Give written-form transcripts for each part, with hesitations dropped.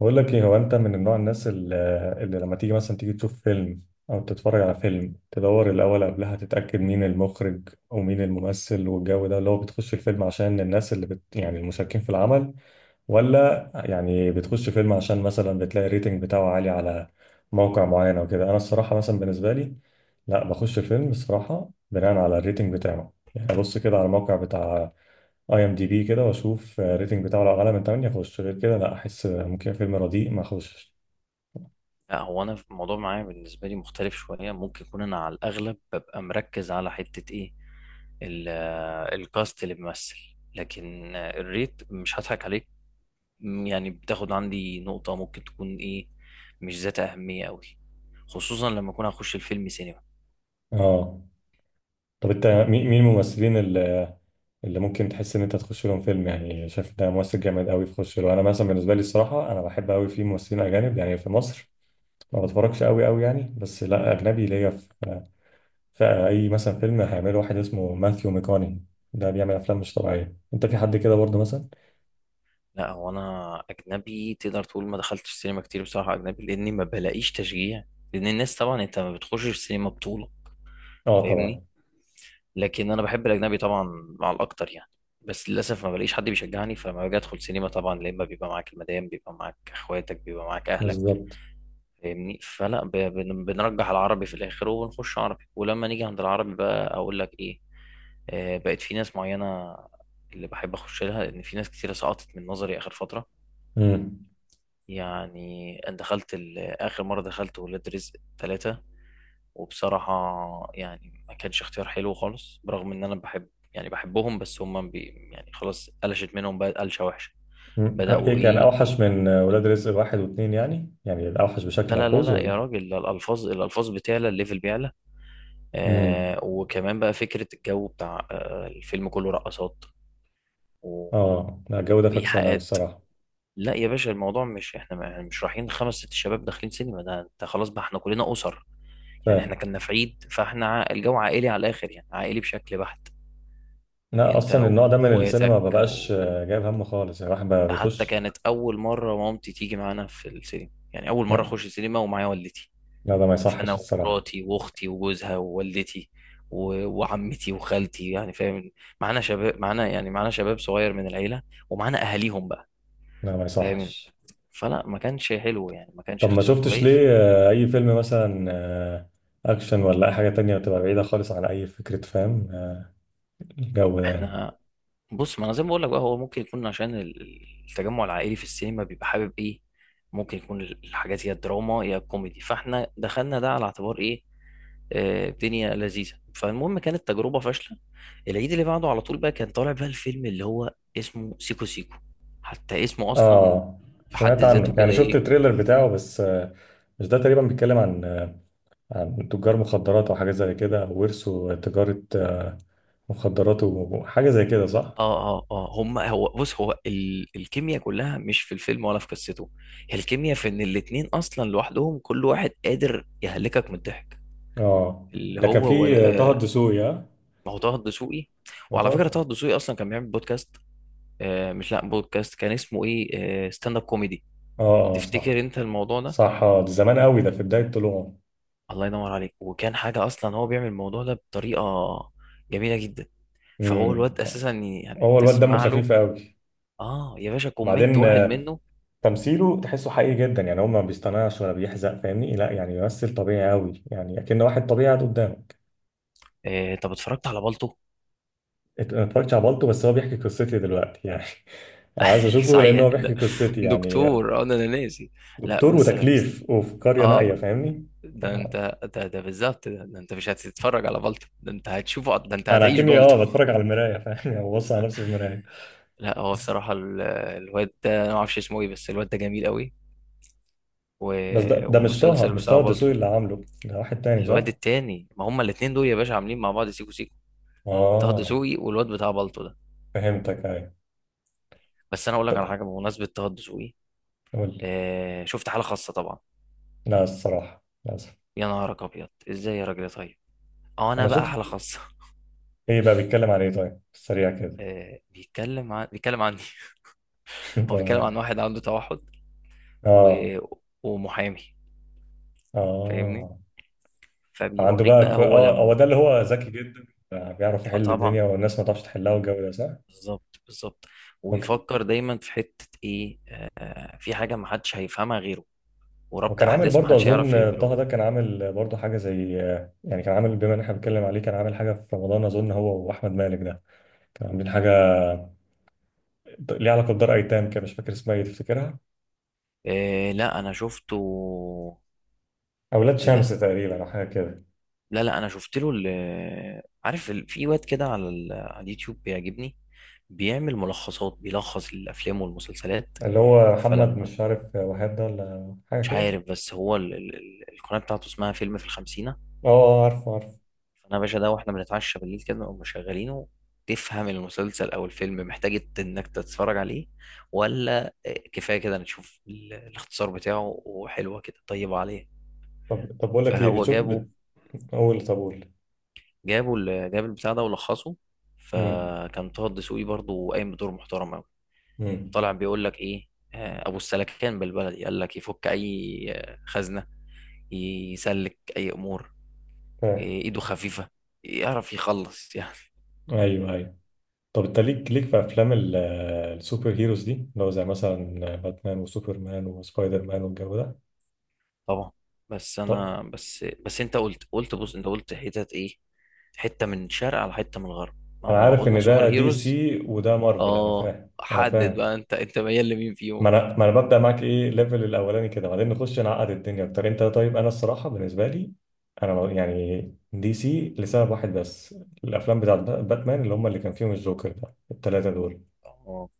بقول لك ايه، هو انت من النوع الناس اللي لما تيجي مثلا تشوف فيلم او تتفرج على فيلم، تدور الاول قبلها تتاكد مين المخرج ومين الممثل والجو ده، اللي هو بتخش الفيلم عشان الناس اللي يعني المشاركين في العمل، ولا يعني بتخش فيلم عشان مثلا بتلاقي الريتنج بتاعه عالي على موقع معين او كده؟ انا الصراحه مثلا بالنسبه لي، لا بخش الفيلم الصراحه بناء على الريتنج بتاعه، يعني ابص كده على الموقع بتاع اي ام دي بي كده واشوف الريتنج بتاعه، لو اعلى من 8 اخش، غير كده لا، احس ممكن فيلم رديء ما اخشش. لا، هو انا في الموضوع معايا بالنسبه لي مختلف شويه. ممكن يكون انا على الاغلب ببقى مركز على حته ايه، ال- الكاست اللي بيمثل، لكن الريت مش هضحك عليك، يعني بتاخد عندي نقطه ممكن تكون ايه، مش ذات اهميه قوي، خصوصا لما اكون هخش الفيلم سينما. اه. طب انت مين الممثلين اللي ممكن تحس ان انت تخش لهم فيلم؟ يعني شايف ده ممثل جامد قوي تخش له. انا مثلا بالنسبه لي الصراحه، انا بحب قوي في ممثلين اجانب، يعني في مصر ما بتفرجش قوي قوي يعني، بس لا اجنبي ليا، في اي مثلا فيلم هيعمله واحد اسمه ماثيو ميكوني، ده بيعمل افلام مش طبيعيه. انت في حد كده برضه مثلا؟ لا، هو انا اجنبي تقدر تقول ما دخلتش سينما كتير بصراحه، اجنبي، لاني ما بلاقيش تشجيع، لان الناس طبعا انت ما بتخشش السينما بطوله، اه، طبعا. فاهمني؟ لكن انا بحب الاجنبي طبعا، مع الاكتر يعني. بس للاسف ما بلاقيش حد بيشجعني، فلما باجي ادخل سينما طبعا يا اما بيبقى معاك المدام، بيبقى معاك اخواتك، بيبقى معاك اهلك، بالظبط. فاهمني؟ فلا، بنرجح العربي في الاخر وبنخش عربي، ولما نيجي عند العربي بقى اقول لك ايه، بقت في ناس معينه اللي بحب اخش لها، لان في ناس كتيره سقطت من نظري اخر فتره. امم. يعني انا دخلت اخر مره دخلت ولاد رزق 3، وبصراحة يعني ما كانش اختيار حلو خالص، برغم ان انا بحب، يعني بحبهم، بس هم يعني خلاص قلشت منهم بقى قلشة وحشة. مم. بدأوا ايه كان ايه اوحش إيه؟ من ولاد رزق واحد واثنين؟ يعني اوحش لا بشكل لا لا ملحوظ لا، يا ولا؟ راجل، ده الالفاظ بتعلى، الليفل بيعلى. امم. وكمان بقى فكرة الجو بتاع الفيلم كله رقصات و- اه، لا الجو ده فاكس انا وايحاءات. الصراحه. لا يا باشا، الموضوع مش احنا يعني، مش رايحين خمس ست شباب داخلين سينما، ده انت خلاص بقى احنا كلنا اسر. يعني احنا فاهم. كنا في عيد، فاحنا الجو عائلي على الاخر، يعني عائلي بشكل بحت، لا انت اصلا النوع ده من السينما ما واخواتك. بقاش جايب هم خالص، يعني الواحد بقى وحتى بيخش. كانت اول مره مامتي تيجي معانا في السينما، يعني اول مره لا. اخش السينما ومعايا والدتي. لا ده ما يصحش فانا الصراحه. ومراتي واختي وجوزها ووالدتي وعمتي وخالتي، يعني فاهم؟ معانا شباب، معانا يعني معانا شباب صغير من العيله، ومعانا اهاليهم بقى، لا، ما فاهم؟ يصحش. فلا، ما كانش حلو، يعني ما كانش طب ما اختيار شفتش كويس. ليه اي فيلم مثلا، اكشن ولا اي حاجه تانية بتبقى بعيده خالص عن اي فكره، فاهم؟ الجو ده يعني. احنا بص، ما انا زي ما بقول لك بقى، هو ممكن يكون عشان التجمع العائلي في السينما بيبقى حابب ايه، ممكن يكون الحاجات يا دراما يا كوميدي، فاحنا دخلنا ده على اعتبار ايه، الدنيا لذيذه، فالمهم كانت تجربه فاشله. العيد اللي بعده على طول بقى كان طالع بقى الفيلم اللي هو اسمه سيكو سيكو، حتى اسمه اصلا اه، في حد سمعت ذاته عنه، يعني كده شفت ايه. التريلر بتاعه بس. مش ده تقريبا بيتكلم عن عن تجار مخدرات وحاجات زي كده؟ ورثوا تجارة مخدرات وحاجة زي كده، صح؟ اه اه اه، هم، هو بص، هو ال الكيمياء كلها مش في الفيلم ولا في قصته، هي الكيمياء في ان الاتنين اصلا لوحدهم كل واحد قادر يهلكك من الضحك. اه، اللي ده كان هو، ولا في طه آه، الدسوقي، ها؟ ما هو طه الدسوقي. ما وعلى فكره طه. طه الدسوقي اصلا كان بيعمل بودكاست، مش، لا، بودكاست كان اسمه ايه، ستاند اب كوميدي، اه، اه، صح، تفتكر انت الموضوع ده؟ صح. اه، ده زمان قوي ده، في بداية طلوعه. الله ينور عليك، وكان حاجه اصلا هو بيعمل الموضوع ده بطريقه جميله جدا، فهو امم. الواد اساسا يعني هو الواد دمه تسمع خفيف له، قوي. اه، يا باشا كومنت بعدين واحد منه. تمثيله تحسه حقيقي جدا، يعني هو ما بيصطنعش ولا بيحزق، فاهمني؟ لا يعني بيمثل طبيعي قوي يعني، اكن واحد طبيعي قاعد قدامه. طب اتفرجت على بالطو؟ انا اتفرجتش على بالطو، بس هو بيحكي قصتي دلوقتي يعني. انا عايز اشوفه لان صحيح هو بيحكي ده، قصتي يعني. دكتور انا ناسي. لا دكتور بص يا ريس، وتكليف وفي قرية نائية، اه، فاهمني؟ ده انت، ده ده بالظبط، ده انت مش هتتفرج على بالطو، ده انت هتشوفه، ده انت انا هتعيش كني بالطو. بتفرج على المراية، فاهمني؟ او ببص على نفسي في المراية. لا هو بس بصراحة الواد ده انا ما اعرفش اسمه ايه، بس الواد ده جميل قوي. و... بس ده مش طه والمسلسل مش بتاع طه الدسوقي بالطو، اللي عامله، ده واحد تاني الواد صح؟ التاني، ما هما الاتنين دول يا باشا عاملين مع بعض سيكو سيكو، طه اه. دسوقي والواد بتاع بالطو ده. فهمتك، ايوه. بس انا اقول لك على طب حاجة بمناسبة طه دسوقي. قول لي. آه، شفت حالة خاصة طبعا؟ لا الصراحة للأسف. يا نهارك ابيض، ازاي يا راجل يا طيب، اه انا انا بقى شفت. حالة خاصة. ايه بقى بيتكلم عن ايه؟ طيب سريع كده. بيتكلم عني. هو بيتكلم طب. عن واحد عنده توحد، و... اه، ومحامي، فاهمني؟ اه. عنده فبيوريك بقى بقى هو هو لما، ده اللي هو ذكي جدا، بيعرف اه يحل طبعا، الدنيا والناس ما تعرفش تحلها والجو ده صح؟ بالظبط بالظبط، هو. ويفكر دايما في حتة ايه، في حاجة محدش هيفهمها غيره، وربط وكان عامل احداث برضه محدش هيعرف اظن، يعمله طه غيره. ده كان عامل برضه حاجه زي، يعني كان عامل، بما ان احنا بنتكلم عليه، كان عامل حاجه في رمضان، اظن هو واحمد مالك ده، كانوا عاملين حاجه ليها علاقه بدار ايتام كده، مش فاكر اسمها ايه، تفتكرها؟ آه لا، انا شفته. اولاد ايه شمس ده؟ تقريبا او حاجه كده. لا لا، انا شفت له عارف في واد كده على على اليوتيوب بيعجبني، بيعمل ملخصات، بيلخص الافلام والمسلسلات. اللي هو محمد فلما، مش عارف وهاب ده ولا حاجه مش كده. عارف، بس هو القناة بتاعته اسمها فيلم في الخمسين. اه، عارفه عارفه. فانا يا باشا، ده واحنا بنتعشى بالليل كده نقوم مشغلينه، تفهم المسلسل او الفيلم محتاج انك تتفرج عليه ولا كفايه كده نشوف الاختصار بتاعه، وحلوه كده، طيبه عليه. طب بقول لك ايه، فهو بتشوف جابه، قول، طب قول. جابه ال- جاب البتاع ده ولخصه، امم. فكان طه الدسوقي برضه قايم بدور محترم قوي. امم. طالع بيقول لك ايه، ابو السلكان بالبلدي، قال لك يفك اي خزنه، يسلك اي امور، فاهم. إيه، ايده خفيفه، يعرف يخلص يعني. ايوه، ايوه. طب انت ليك في افلام السوبر هيروز دي، اللي هو زي مثلا باتمان وسوبرمان وسبايدر مان والجو ده؟ طبعا، بس طب انا، بس بس انت قلت بص، انت قلت حتت ايه، حته من شرق على حته من الغرب، ما انا هو عارف قلنا ان سوبر ده دي هيروز. سي وده مارفل، انا اه، فاهم، انا حدد فاهم. بقى انت ميال لمين ما فيهم؟ انا ما انا ببدا معاك ايه ليفل الاولاني كده، بعدين نخش نعقد الدنيا اكتر. انت طيب. انا الصراحه بالنسبه لي، انا يعني دي سي لسبب واحد بس، الافلام بتاعت باتمان، اللي هم اللي كان فيهم الجوكر ده، الثلاثه دول اه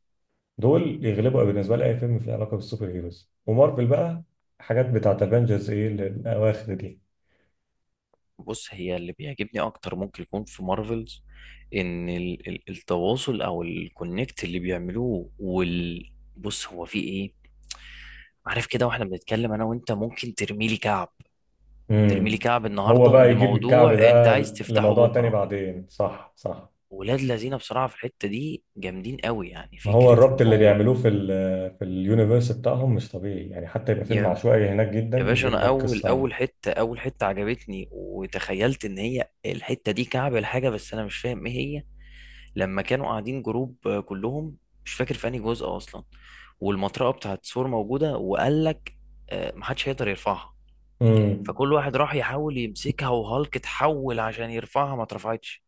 دول يغلبوا بالنسبه لي اي فيلم فيه علاقه بالسوبر هيروز. ومارفل بقى، حاجات بتاعت افنجرز ايه الاواخر دي. بص، هي اللي بيعجبني اكتر ممكن يكون في مارفلز ان ال التواصل او الكونكت اللي بيعملوه وال، بص هو في ايه، عارف كده واحنا بنتكلم انا وانت ممكن ترميلي كعب، ترميلي امم. كعب هو النهارده بقى يجيب الكعب لموضوع انت ده عايز تفتحه لموضوع تاني بكره. بعدين، صح صح. ولاد لذينه بصراحه في الحته دي جامدين قوي، يعني ما هو فكره الربط ان اللي هو، بيعملوه في اليونيفرس بتاعهم مش طبيعي، يعني حتى يبقى فيلم يا عشوائي هناك جدا يا باشا، يجيب انا لك قصة عنه. اول حته عجبتني وتخيلت ان هي الحته دي كعب الحاجه، بس انا مش فاهم ايه هي. لما كانوا قاعدين جروب كلهم، مش فاكر في انهي جزء اصلا، والمطرقه بتاعت سور موجوده، وقال لك محدش هيقدر يرفعها. امم. فكل واحد راح يحاول يمسكها وهالك اتحول عشان يرفعها ما اترفعتش،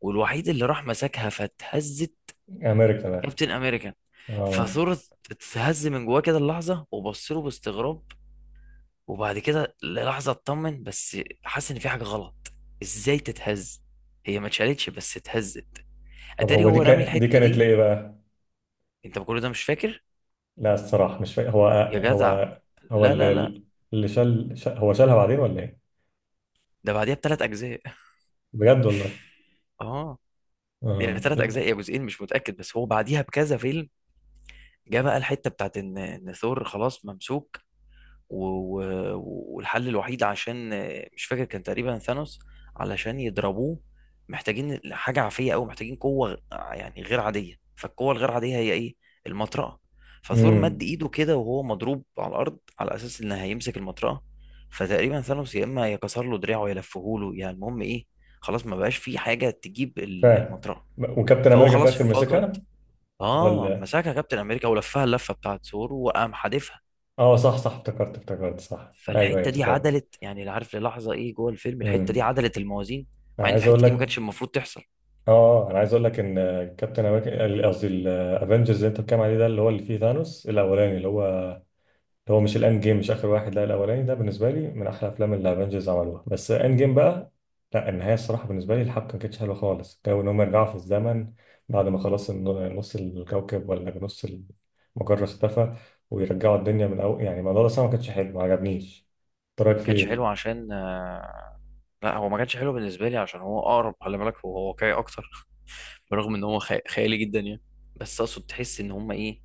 والوحيد اللي راح مسكها فاتهزت، امريكا بقى. كابتن امريكان. اه، فثور اتهز من جواه كده اللحظه وبص له باستغراب، وبعد كده للحظه اطمن، بس حاسس ان في حاجه غلط، ازاي تتهز، هي ما اتشالتش بس اتهزت. طب اتاري هو دي هو رامي كان دي الحته كانت دي، ليه بقى؟ انت كل ده مش فاكر لا الصراحة مش فاهم. يا جدع؟ هو هو لا لا اللي لا، اللي شال هو شالها بعدين ولا ايه؟ ده بعديها بثلاث اجزاء. بجد والله؟ اه، يعني اه، 3 اجزاء لا. يا جزئين مش متاكد، بس هو بعديها بكذا فيلم. جه بقى الحته بتاعت ان ثور خلاص ممسوك، و... و... والحل الوحيد عشان مش فاكر، كان تقريبا ثانوس علشان يضربوه محتاجين حاجة عافية أو محتاجين قوة، يعني غير عادية، فالقوة الغير عادية هي إيه؟ المطرقة. فثور مد امم، إيده كده وهو مضروب على الأرض على أساس إن هيمسك المطرقة، فتقريبا ثانوس يا إما يكسر له دراعه يا يلفهوله، يعني المهم إيه، خلاص ما بقاش في حاجة تجيب فاهم. المطرقة. وكابتن فهو امريكا في خلاص الاخر فقد، مسكها ولا؟ مسكها كابتن أمريكا ولفها اللفة بتاعت ثور وقام حادفها. اه، صح صح، افتكرت افتكرت، صح، ايوه ايوه فالحته دي افتكرت. عدلت، يعني اللي عارف للحظه ايه جوه الفيلم، الحته دي امم. عدلت الموازين، انا مع ان عايز اقول الحته دي ما كانتش لك المفروض تحصل. اه انا عايز اقول لك ان كابتن امريكا، قصدي الافنجرز اللي انت بتتكلم عليه ده، اللي هو اللي فيه ثانوس الاولاني، اللي هو مش الاند جيم، مش اخر واحد، لا الاولاني، ده بالنسبه لي من احلى افلام اللي الافنجرز عملوها. بس اند جيم بقى، لا النهايه الصراحه بالنسبه لي الحبكه ما كانتش حلوه خالص، جو ان هم يرجعوا في الزمن بعد ما خلاص نص الكوكب ولا نص المجره اختفى، ويرجعوا الدنيا من الاول، يعني الموضوع ده الصراحة ما كانش حلو، ما عجبنيش. إنت رايك ما كانش حلو فيه؟ عشان لا هو ما كانش حلو بالنسبه لي عشان هو اقرب، خلي بالك هو واقعي اكتر برغم ان هو خيالي جدا يعني، بس اقصد تحس ان هما ايه،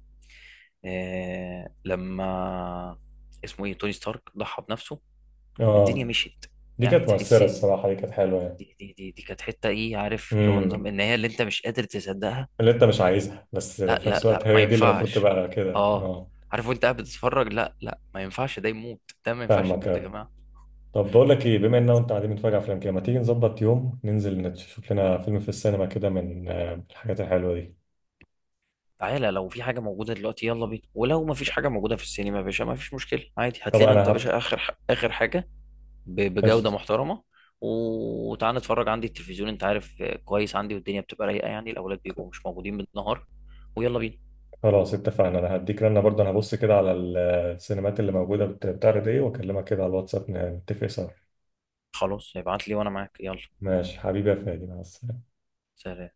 آه لما اسمه ايه، توني ستارك ضحى بنفسه، الدنيا اه، مشيت، دي يعني كانت تحس مؤثره ان، الصراحه، دي كانت حلوه يعني. دي كانت حته ايه، عارف اللي هو إمم. نظام النهايه اللي انت مش قادر تصدقها. اللي انت مش عايزها بس لا في لا نفس الوقت لا، ما هي دي اللي المفروض ينفعش، تبقى كده، اه، اه. عارف وانت قاعد بتتفرج، لا لا، ما ينفعش ده يموت، ده ما ينفعش فاهمك يموت يا أوي. جماعه. طب بقول لك ايه، بما ان انت قاعدين بنتفرج على افلام كده، ما تيجي نظبط يوم ننزل نشوف لنا فيلم في السينما كده من الحاجات الحلوه دي؟ تعالى، لو في حاجه موجوده دلوقتي يلا بينا، ولو ما فيش حاجه موجوده في السينما يا باشا ما فيش مشكله، عادي، هات طب لنا انت انا يا باشا هفت. اخر، اخر حاجه بجوده قشطة. محترمه، وتعالى نتفرج عندي التلفزيون، انت عارف كويس عندي والدنيا بتبقى رايقه يعني، الاولاد بيبقوا مش موجودين بالنهار، ويلا بينا. خلاص اتفقنا، انا هديك رنه برضه، انا هبص كده على السينمات اللي موجوده بتعرض ايه، واكلمك كده على الواتساب نتفق سوا. خلاص، ابعت لي وانا معاك، يلا، ماشي حبيبي يا فادي، مع السلامه. سلام.